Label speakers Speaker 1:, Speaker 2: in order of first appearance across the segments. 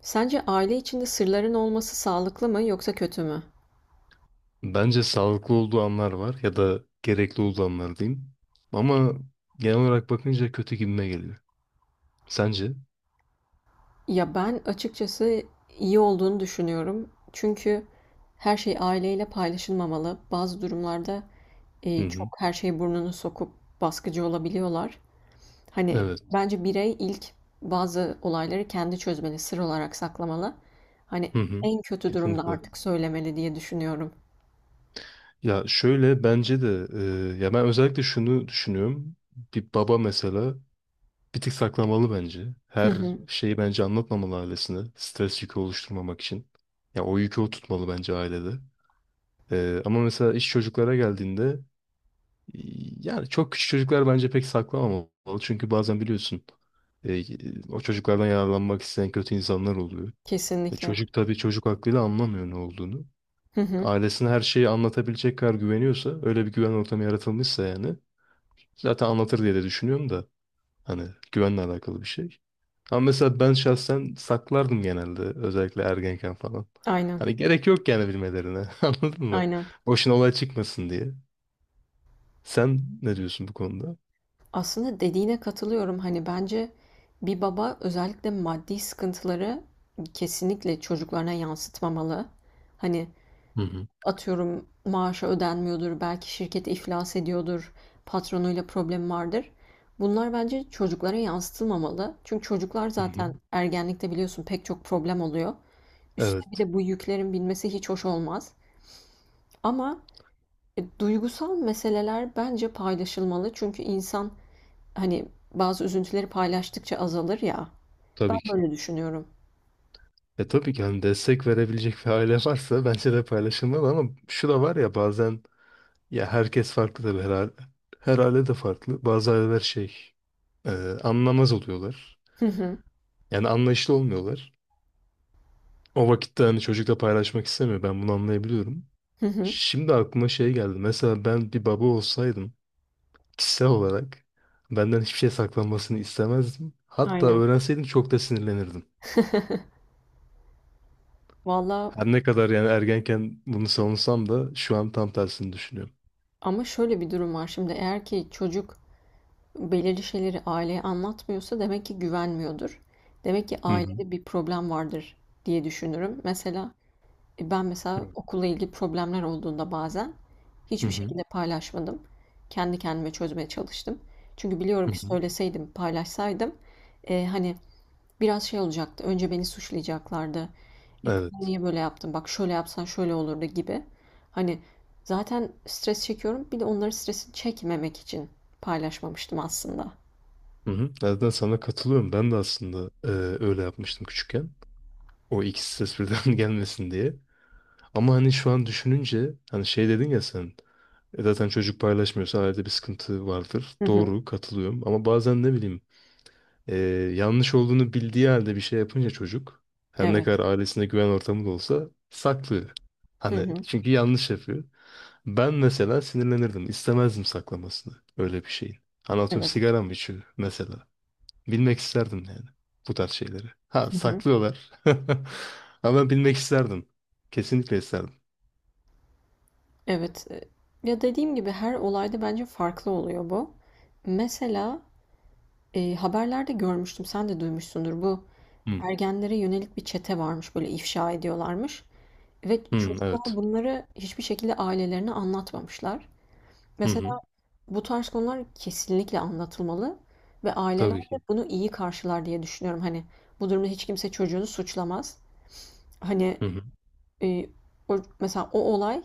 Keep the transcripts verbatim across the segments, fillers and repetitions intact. Speaker 1: Sence aile içinde sırların olması sağlıklı mı yoksa kötü mü?
Speaker 2: Bence sağlıklı olduğu anlar var ya da gerekli olduğu anlar diyeyim. Ama genel olarak bakınca kötü gibime geliyor. Sence?
Speaker 1: Ya ben açıkçası iyi olduğunu düşünüyorum. Çünkü her şey aileyle paylaşılmamalı. Bazı durumlarda
Speaker 2: Hı
Speaker 1: e, çok
Speaker 2: hı.
Speaker 1: her şeyi burnunu sokup baskıcı olabiliyorlar. Hani
Speaker 2: Evet.
Speaker 1: bence birey ilk bazı olayları kendi çözmeli, sır olarak saklamalı. Hani
Speaker 2: Hı hı.
Speaker 1: en kötü durumda
Speaker 2: Kesinlikle.
Speaker 1: artık söylemeli diye düşünüyorum.
Speaker 2: Ya şöyle bence de e, ya ben özellikle şunu düşünüyorum. Bir baba mesela bir tık saklamalı bence.
Speaker 1: Hı
Speaker 2: Her
Speaker 1: hı,
Speaker 2: şeyi bence anlatmamalı ailesine. Stres yükü oluşturmamak için. Ya o yükü o tutmalı bence ailede. E, ama mesela iş çocuklara geldiğinde yani çok küçük çocuklar bence pek saklamamalı. Çünkü bazen biliyorsun, e, o çocuklardan yararlanmak isteyen kötü insanlar oluyor. E,
Speaker 1: kesinlikle.
Speaker 2: çocuk, tabii çocuk aklıyla anlamıyor ne olduğunu.
Speaker 1: Hı hı,
Speaker 2: Ailesine her şeyi anlatabilecek kadar güveniyorsa, öyle bir güven ortamı yaratılmışsa yani zaten anlatır diye de düşünüyorum da hani güvenle alakalı bir şey. Ama mesela ben şahsen saklardım, genelde özellikle ergenken falan.
Speaker 1: aynen,
Speaker 2: Hani gerek yok yani bilmelerine anladın mı?
Speaker 1: aynen.
Speaker 2: Boşuna olay çıkmasın diye. Sen ne diyorsun bu konuda?
Speaker 1: Aslında dediğine katılıyorum. Hani, bence bir baba özellikle maddi sıkıntıları kesinlikle çocuklarına yansıtmamalı. Hani,
Speaker 2: Hı hı.
Speaker 1: atıyorum maaşı ödenmiyordur, belki şirket iflas ediyordur, patronuyla problem vardır. Bunlar bence çocuklara yansıtılmamalı. Çünkü çocuklar
Speaker 2: Hı hı.
Speaker 1: zaten ergenlikte biliyorsun pek çok problem oluyor. Üstüne bir
Speaker 2: Evet,
Speaker 1: de bu yüklerin binmesi hiç hoş olmaz. Ama, eee, duygusal meseleler bence paylaşılmalı. Çünkü insan hani, bazı üzüntüleri paylaştıkça azalır ya. Ben
Speaker 2: tabii ki.
Speaker 1: böyle düşünüyorum.
Speaker 2: E tabii ki hani destek verebilecek bir aile varsa bence de paylaşılmalı, ama şu da var ya, bazen ya herkes farklı tabii, her aile, her aile de farklı. Bazı aileler şey, e, anlamaz oluyorlar.
Speaker 1: Hı hı.
Speaker 2: Yani anlayışlı olmuyorlar. O vakitte hani çocukla paylaşmak istemiyor. Ben bunu anlayabiliyorum.
Speaker 1: Hı hı.
Speaker 2: Şimdi aklıma şey geldi. Mesela ben bir baba olsaydım, kişisel olarak benden hiçbir şey saklanmasını istemezdim. Hatta
Speaker 1: Aynen.
Speaker 2: öğrenseydim çok da sinirlenirdim.
Speaker 1: Valla
Speaker 2: Her ne kadar yani ergenken bunu savunsam da şu an tam tersini düşünüyorum.
Speaker 1: ama şöyle bir durum var şimdi eğer ki çocuk belirli şeyleri aileye anlatmıyorsa demek ki güvenmiyordur. Demek ki
Speaker 2: Hı hı.
Speaker 1: ailede bir problem vardır diye düşünürüm. Mesela, e, ben mesela okulla ilgili problemler olduğunda bazen
Speaker 2: Hı
Speaker 1: hiçbir
Speaker 2: hı.
Speaker 1: şekilde paylaşmadım. Kendi kendime çözmeye çalıştım. Çünkü
Speaker 2: Hı
Speaker 1: biliyorum ki
Speaker 2: hı.
Speaker 1: söyleseydim, paylaşsaydım, eee, hani, biraz şey olacaktı. Önce beni suçlayacaklardı. E kızım
Speaker 2: Evet.
Speaker 1: niye böyle yaptın? Bak şöyle yapsan şöyle olurdu gibi. Hani zaten stres çekiyorum. Bir de onların stresini çekmemek için paylaşmamıştım aslında.
Speaker 2: Hı hı. Nereden sana katılıyorum. Ben de aslında, e, öyle yapmıştım küçükken. O ikisi ses birden gelmesin diye. Ama hani şu an düşününce hani şey dedin ya sen, e, zaten çocuk paylaşmıyorsa ailede bir sıkıntı vardır.
Speaker 1: Hı hı.
Speaker 2: Doğru, katılıyorum. Ama bazen ne bileyim, e, yanlış olduğunu bildiği halde bir şey yapınca çocuk, her ne kadar
Speaker 1: Evet.
Speaker 2: ailesine güven ortamı da olsa, saklıyor.
Speaker 1: Hı
Speaker 2: Hani
Speaker 1: hı.
Speaker 2: çünkü yanlış yapıyor. Ben mesela sinirlenirdim. İstemezdim saklamasını. Öyle bir şeyin. Anlatıyorum,
Speaker 1: Evet.
Speaker 2: sigara mı içiyor mesela. Bilmek isterdim yani. Bu tarz şeyleri. Ha,
Speaker 1: Hı hı.
Speaker 2: saklıyorlar. Ama ben bilmek isterdim. Kesinlikle isterdim.
Speaker 1: Evet. E, Ya dediğim gibi her olayda bence farklı oluyor bu. Mesela e, haberlerde görmüştüm, sen de duymuşsundur. Bu
Speaker 2: Hı.
Speaker 1: ergenlere yönelik bir çete varmış, böyle ifşa ediyorlarmış. Ve
Speaker 2: Hı,
Speaker 1: çocuklar
Speaker 2: evet.
Speaker 1: bunları hiçbir şekilde ailelerine anlatmamışlar.
Speaker 2: Hı hı.
Speaker 1: Mesela bu tarz konular kesinlikle anlatılmalı ve aileler
Speaker 2: Tabii
Speaker 1: de
Speaker 2: ki.
Speaker 1: bunu iyi karşılar diye düşünüyorum. Hani bu durumda hiç kimse çocuğunu suçlamaz. Hani
Speaker 2: Hı hı.
Speaker 1: e, o- mesela o olay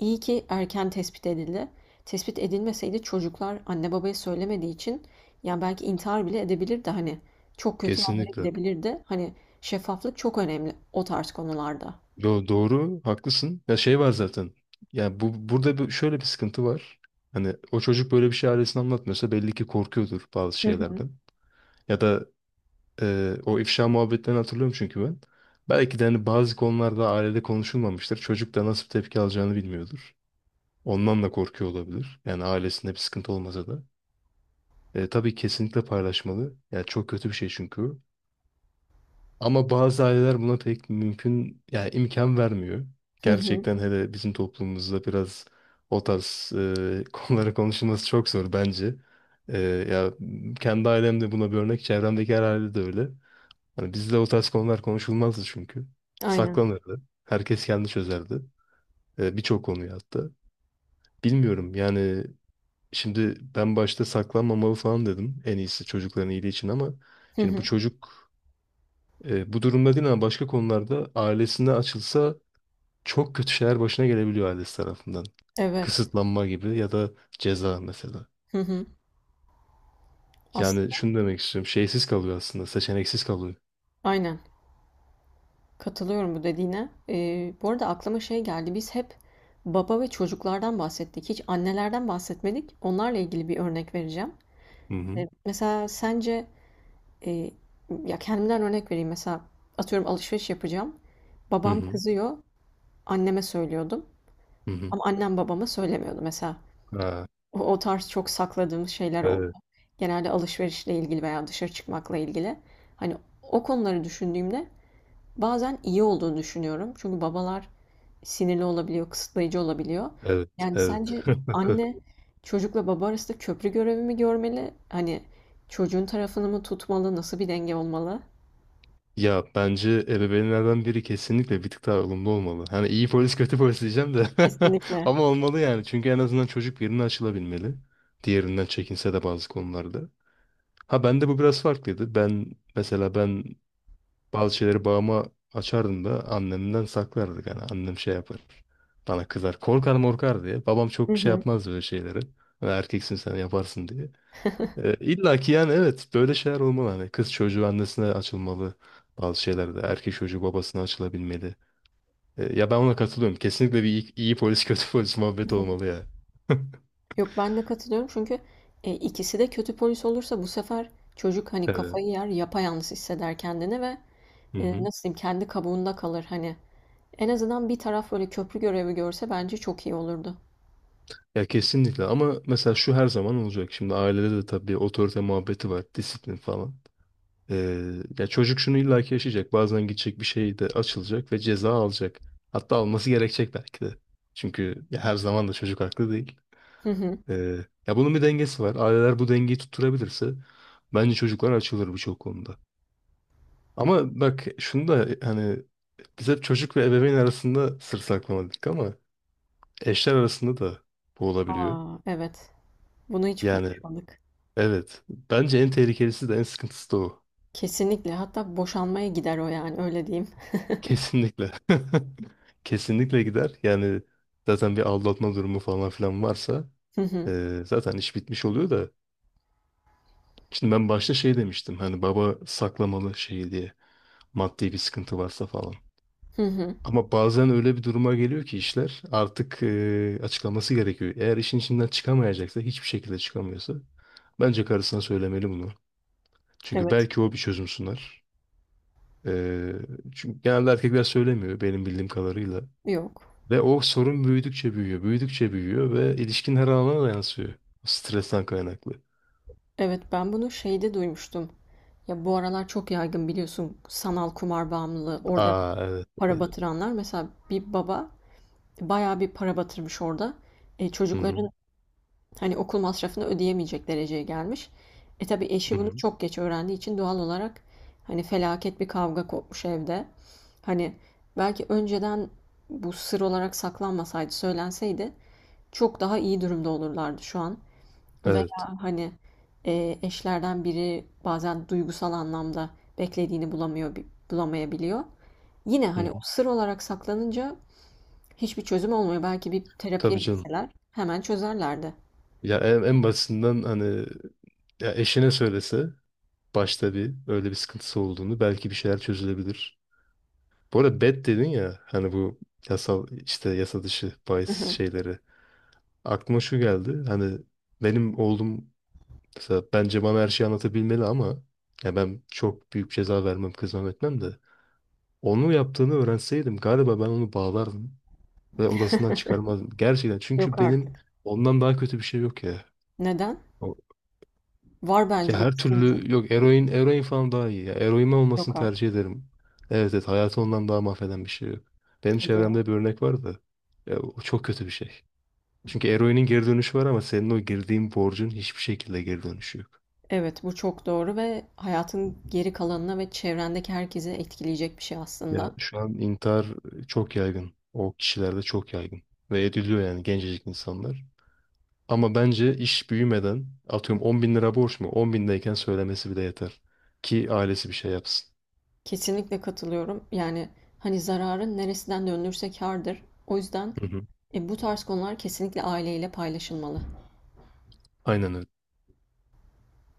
Speaker 1: iyi ki erken tespit edildi. Tespit edilmeseydi çocuklar anne babaya söylemediği için ya belki intihar bile edebilirdi hani çok kötü yerlere
Speaker 2: Kesinlikle.
Speaker 1: gidebilirdi. Hani şeffaflık çok önemli o tarz konularda.
Speaker 2: Yo, doğru. Haklısın. Ya şey var zaten. Ya bu burada bir- şöyle bir sıkıntı var. Hani o çocuk böyle bir şey ailesine anlatmıyorsa belli ki korkuyordur bazı
Speaker 1: Hı hı.
Speaker 2: şeylerden. Ya da ee, o ifşa muhabbetlerini hatırlıyorum çünkü ben. Belki de hani bazı konularda ailede konuşulmamıştır. Çocuk da nasıl bir tepki alacağını bilmiyordur. Ondan da korkuyor olabilir. Yani ailesinde bir sıkıntı olmasa da. Ee, tabii kesinlikle paylaşmalı. Yani çok kötü bir şey çünkü o. Ama bazı aileler buna pek mümkün, yani imkan vermiyor.
Speaker 1: Hı hı.
Speaker 2: Gerçekten hele bizim toplumumuzda biraz o tarz e, konulara konuşulması çok zor bence. Ee, ya kendi ailemde buna bir örnek, çevremdeki her ailede de öyle. Hani bizde o tarz konular konuşulmazdı çünkü.
Speaker 1: Aynen.
Speaker 2: Saklanırdı. Herkes kendi çözerdi. E, birçok konuyu hatta. Bilmiyorum yani, şimdi ben başta saklanmamalı falan dedim. En iyisi çocukların iyiliği için, ama
Speaker 1: Hı
Speaker 2: şimdi bu
Speaker 1: hı.
Speaker 2: çocuk, e, bu durumda değil ama başka konularda ailesine açılsa çok kötü şeyler başına gelebiliyor ailesi tarafından.
Speaker 1: Evet.
Speaker 2: Kısıtlanma gibi ya da ceza mesela.
Speaker 1: Hı hı.
Speaker 2: Yani
Speaker 1: Aslında
Speaker 2: şunu demek istiyorum. Şeysiz kalıyor aslında. Seçeneksiz kalıyor.
Speaker 1: aynen. Katılıyorum bu dediğine. Ee, bu arada aklıma şey geldi. Biz hep baba ve çocuklardan bahsettik. Hiç annelerden bahsetmedik. Onlarla ilgili bir örnek vereceğim.
Speaker 2: Hı hı.
Speaker 1: Ee, mesela sence Eee, Ya, kendimden örnek vereyim. Mesela atıyorum alışveriş yapacağım.
Speaker 2: Hı
Speaker 1: Babam
Speaker 2: hı.
Speaker 1: kızıyor, anneme söylüyordum
Speaker 2: Hı hı.
Speaker 1: ama annem babama söylemiyordu mesela.
Speaker 2: Ha,
Speaker 1: O, o tarz çok sakladığımız şeyler oldu.
Speaker 2: evet.
Speaker 1: Genelde alışverişle ilgili veya dışarı çıkmakla ilgili. Hani o konuları düşündüğümde bazen iyi olduğunu düşünüyorum. Çünkü babalar sinirli olabiliyor, kısıtlayıcı olabiliyor.
Speaker 2: Evet.
Speaker 1: Yani
Speaker 2: Evet.
Speaker 1: sence anne çocukla baba arasında köprü görevi mi görmeli? Hani çocuğun tarafını mı tutmalı? Nasıl bir denge olmalı?
Speaker 2: Ya bence ebeveynlerden biri kesinlikle bir tık daha ılımlı olmalı. Hani iyi polis kötü polis diyeceğim de
Speaker 1: Kesinlikle.
Speaker 2: ama olmalı yani. Çünkü en azından çocuk birine açılabilmeli. Diğerinden çekinse de bazı konularda. Ha bende bu biraz farklıydı. Ben mesela, ben bazı şeyleri babama açardım da annemden saklardık. Yani annem şey yapar. Bana kızar. Korkar morkar diye. Babam
Speaker 1: Hı
Speaker 2: çok şey
Speaker 1: hı.
Speaker 2: yapmaz böyle şeyleri. Hani erkeksin sen yaparsın diye. Ee, illa ki yani evet böyle şeyler olmalı. Hani kız çocuğu annesine açılmalı. Bazı şeylerde erkek çocuğu babasına açılabilmeli. Ee, ya ben ona katılıyorum. Kesinlikle bir iyi, iyi polis kötü polis muhabbet olmalı ya.
Speaker 1: Yok, ben de katılıyorum çünkü, eee, ikisi de kötü polis olursa bu sefer çocuk, hani,
Speaker 2: Evet.
Speaker 1: kafayı yer, yapayalnız hisseder kendini ve,
Speaker 2: Hı
Speaker 1: eee,
Speaker 2: hı.
Speaker 1: nasıl diyeyim, kendi kabuğunda kalır, hani. En azından bir taraf böyle köprü görevi görse bence çok iyi olurdu.
Speaker 2: Ya kesinlikle, ama mesela şu her zaman olacak. Şimdi ailede de tabii otorite muhabbeti var, disiplin falan. Ee, ya çocuk şunu illaki yaşayacak. Bazen gidecek bir şey de açılacak ve ceza alacak. Hatta alması gerekecek belki de. Çünkü ya her zaman da çocuk haklı değil.
Speaker 1: Hı hı.
Speaker 2: Ee, ya bunun bir dengesi var. Aileler bu dengeyi tutturabilirse bence çocuklar açılır birçok konuda. Ama bak şunu da hani biz hep çocuk ve ebeveyn arasında sır saklamadık ama eşler arasında da bu olabiliyor.
Speaker 1: A! Evet. Bunu hiç
Speaker 2: Yani
Speaker 1: konuşmadık.
Speaker 2: evet. Bence en tehlikelisi de en sıkıntısı da o.
Speaker 1: Kesinlikle. Hatta boşanmaya gider o, yani, öyle diyeyim.
Speaker 2: Kesinlikle. Kesinlikle gider. Yani zaten bir aldatma durumu falan filan varsa
Speaker 1: Hı hı.
Speaker 2: eee, zaten iş bitmiş oluyor da. Şimdi ben başta şey demiştim hani baba saklamalı şey diye, maddi bir sıkıntı varsa falan.
Speaker 1: Hı hı.
Speaker 2: Ama bazen öyle bir duruma geliyor ki işler artık eee, açıklaması gerekiyor. Eğer işin içinden çıkamayacaksa, hiçbir şekilde çıkamıyorsa, bence karısına söylemeli bunu. Çünkü
Speaker 1: Evet.
Speaker 2: belki o bir çözüm sunar. Eee, çünkü genelde erkekler söylemiyor benim bildiğim kadarıyla.
Speaker 1: Yok.
Speaker 2: Ve o sorun büyüdükçe büyüyor, büyüdükçe büyüyor ve ilişkinin her alanına da yansıyor. O stresten kaynaklı.
Speaker 1: Evet, ben bunu şeyde duymuştum. Ya, bu aralar çok yaygın biliyorsun sanal kumar bağımlılığı. Orada
Speaker 2: Aa evet.
Speaker 1: para batıranlar. Mesela bir baba bayağı bir para batırmış orada. E,
Speaker 2: Hı hı.
Speaker 1: çocukların hani okul masrafını ödeyemeyecek dereceye gelmiş. E tabii
Speaker 2: Hı
Speaker 1: eşi bunu
Speaker 2: hı.
Speaker 1: çok geç öğrendiği için doğal olarak hani felaket bir kavga kopmuş evde. Hani belki önceden bu sır olarak saklanmasaydı, söylenseydi çok daha iyi durumda olurlardı şu an.
Speaker 2: Evet.
Speaker 1: Veya hani e, eşlerden biri bazen duygusal anlamda beklediğini bulamıyor, bi- bulamayabiliyor. Yine
Speaker 2: Hı
Speaker 1: hani o
Speaker 2: hı.
Speaker 1: sır olarak saklanınca hiçbir çözüm olmuyor. Belki bir terapiye
Speaker 2: Tabii canım.
Speaker 1: gitseler hemen çözerlerdi.
Speaker 2: Ya en, en basitinden hani, ya eşine söylese başta bir öyle bir sıkıntısı olduğunu, belki bir şeyler çözülebilir. Bu arada bet dedin ya hani bu yasal işte yasa dışı bahis şeyleri. Aklıma şu geldi. Hani benim oğlum mesela bence bana her şeyi anlatabilmeli, ama ya ben çok büyük ceza vermem, kızmam etmem de. Onu yaptığını öğrenseydim galiba ben onu bağlardım ve odasından çıkarmazdım. Gerçekten,
Speaker 1: Yok
Speaker 2: çünkü benim
Speaker 1: artık.
Speaker 2: ondan daha kötü bir şey yok ya.
Speaker 1: Neden?
Speaker 2: O-
Speaker 1: Var bence
Speaker 2: ya her
Speaker 1: uyuşturucu.
Speaker 2: türlü yok, eroin, eroin falan daha iyi ya. Eroin olmasını
Speaker 1: Yok artık.
Speaker 2: tercih ederim. Evet, evet, hayatı ondan daha mahveden bir şey yok. Benim
Speaker 1: Hadi ya.
Speaker 2: çevremde bir örnek var da ya o çok kötü bir şey. Çünkü eroinin geri dönüşü var ama senin o girdiğin borcun hiçbir şekilde geri dönüşü yok.
Speaker 1: Evet, bu çok doğru ve hayatın geri kalanına ve çevrendeki herkese etkileyecek bir şey
Speaker 2: Ya
Speaker 1: aslında.
Speaker 2: şu an intihar çok yaygın. O kişilerde çok yaygın. Ve ediliyor yani, gencecik insanlar. Ama bence iş büyümeden, atıyorum on bin lira borç mu? 10 bindeyken söylemesi bile yeter. Ki ailesi bir şey yapsın.
Speaker 1: Kesinlikle katılıyorum. Yani hani zararın neresinden dönülürse kârdır. O yüzden
Speaker 2: Hı hı.
Speaker 1: e, bu tarz konular kesinlikle aileyle paylaşılmalı.
Speaker 2: Aynen öyle.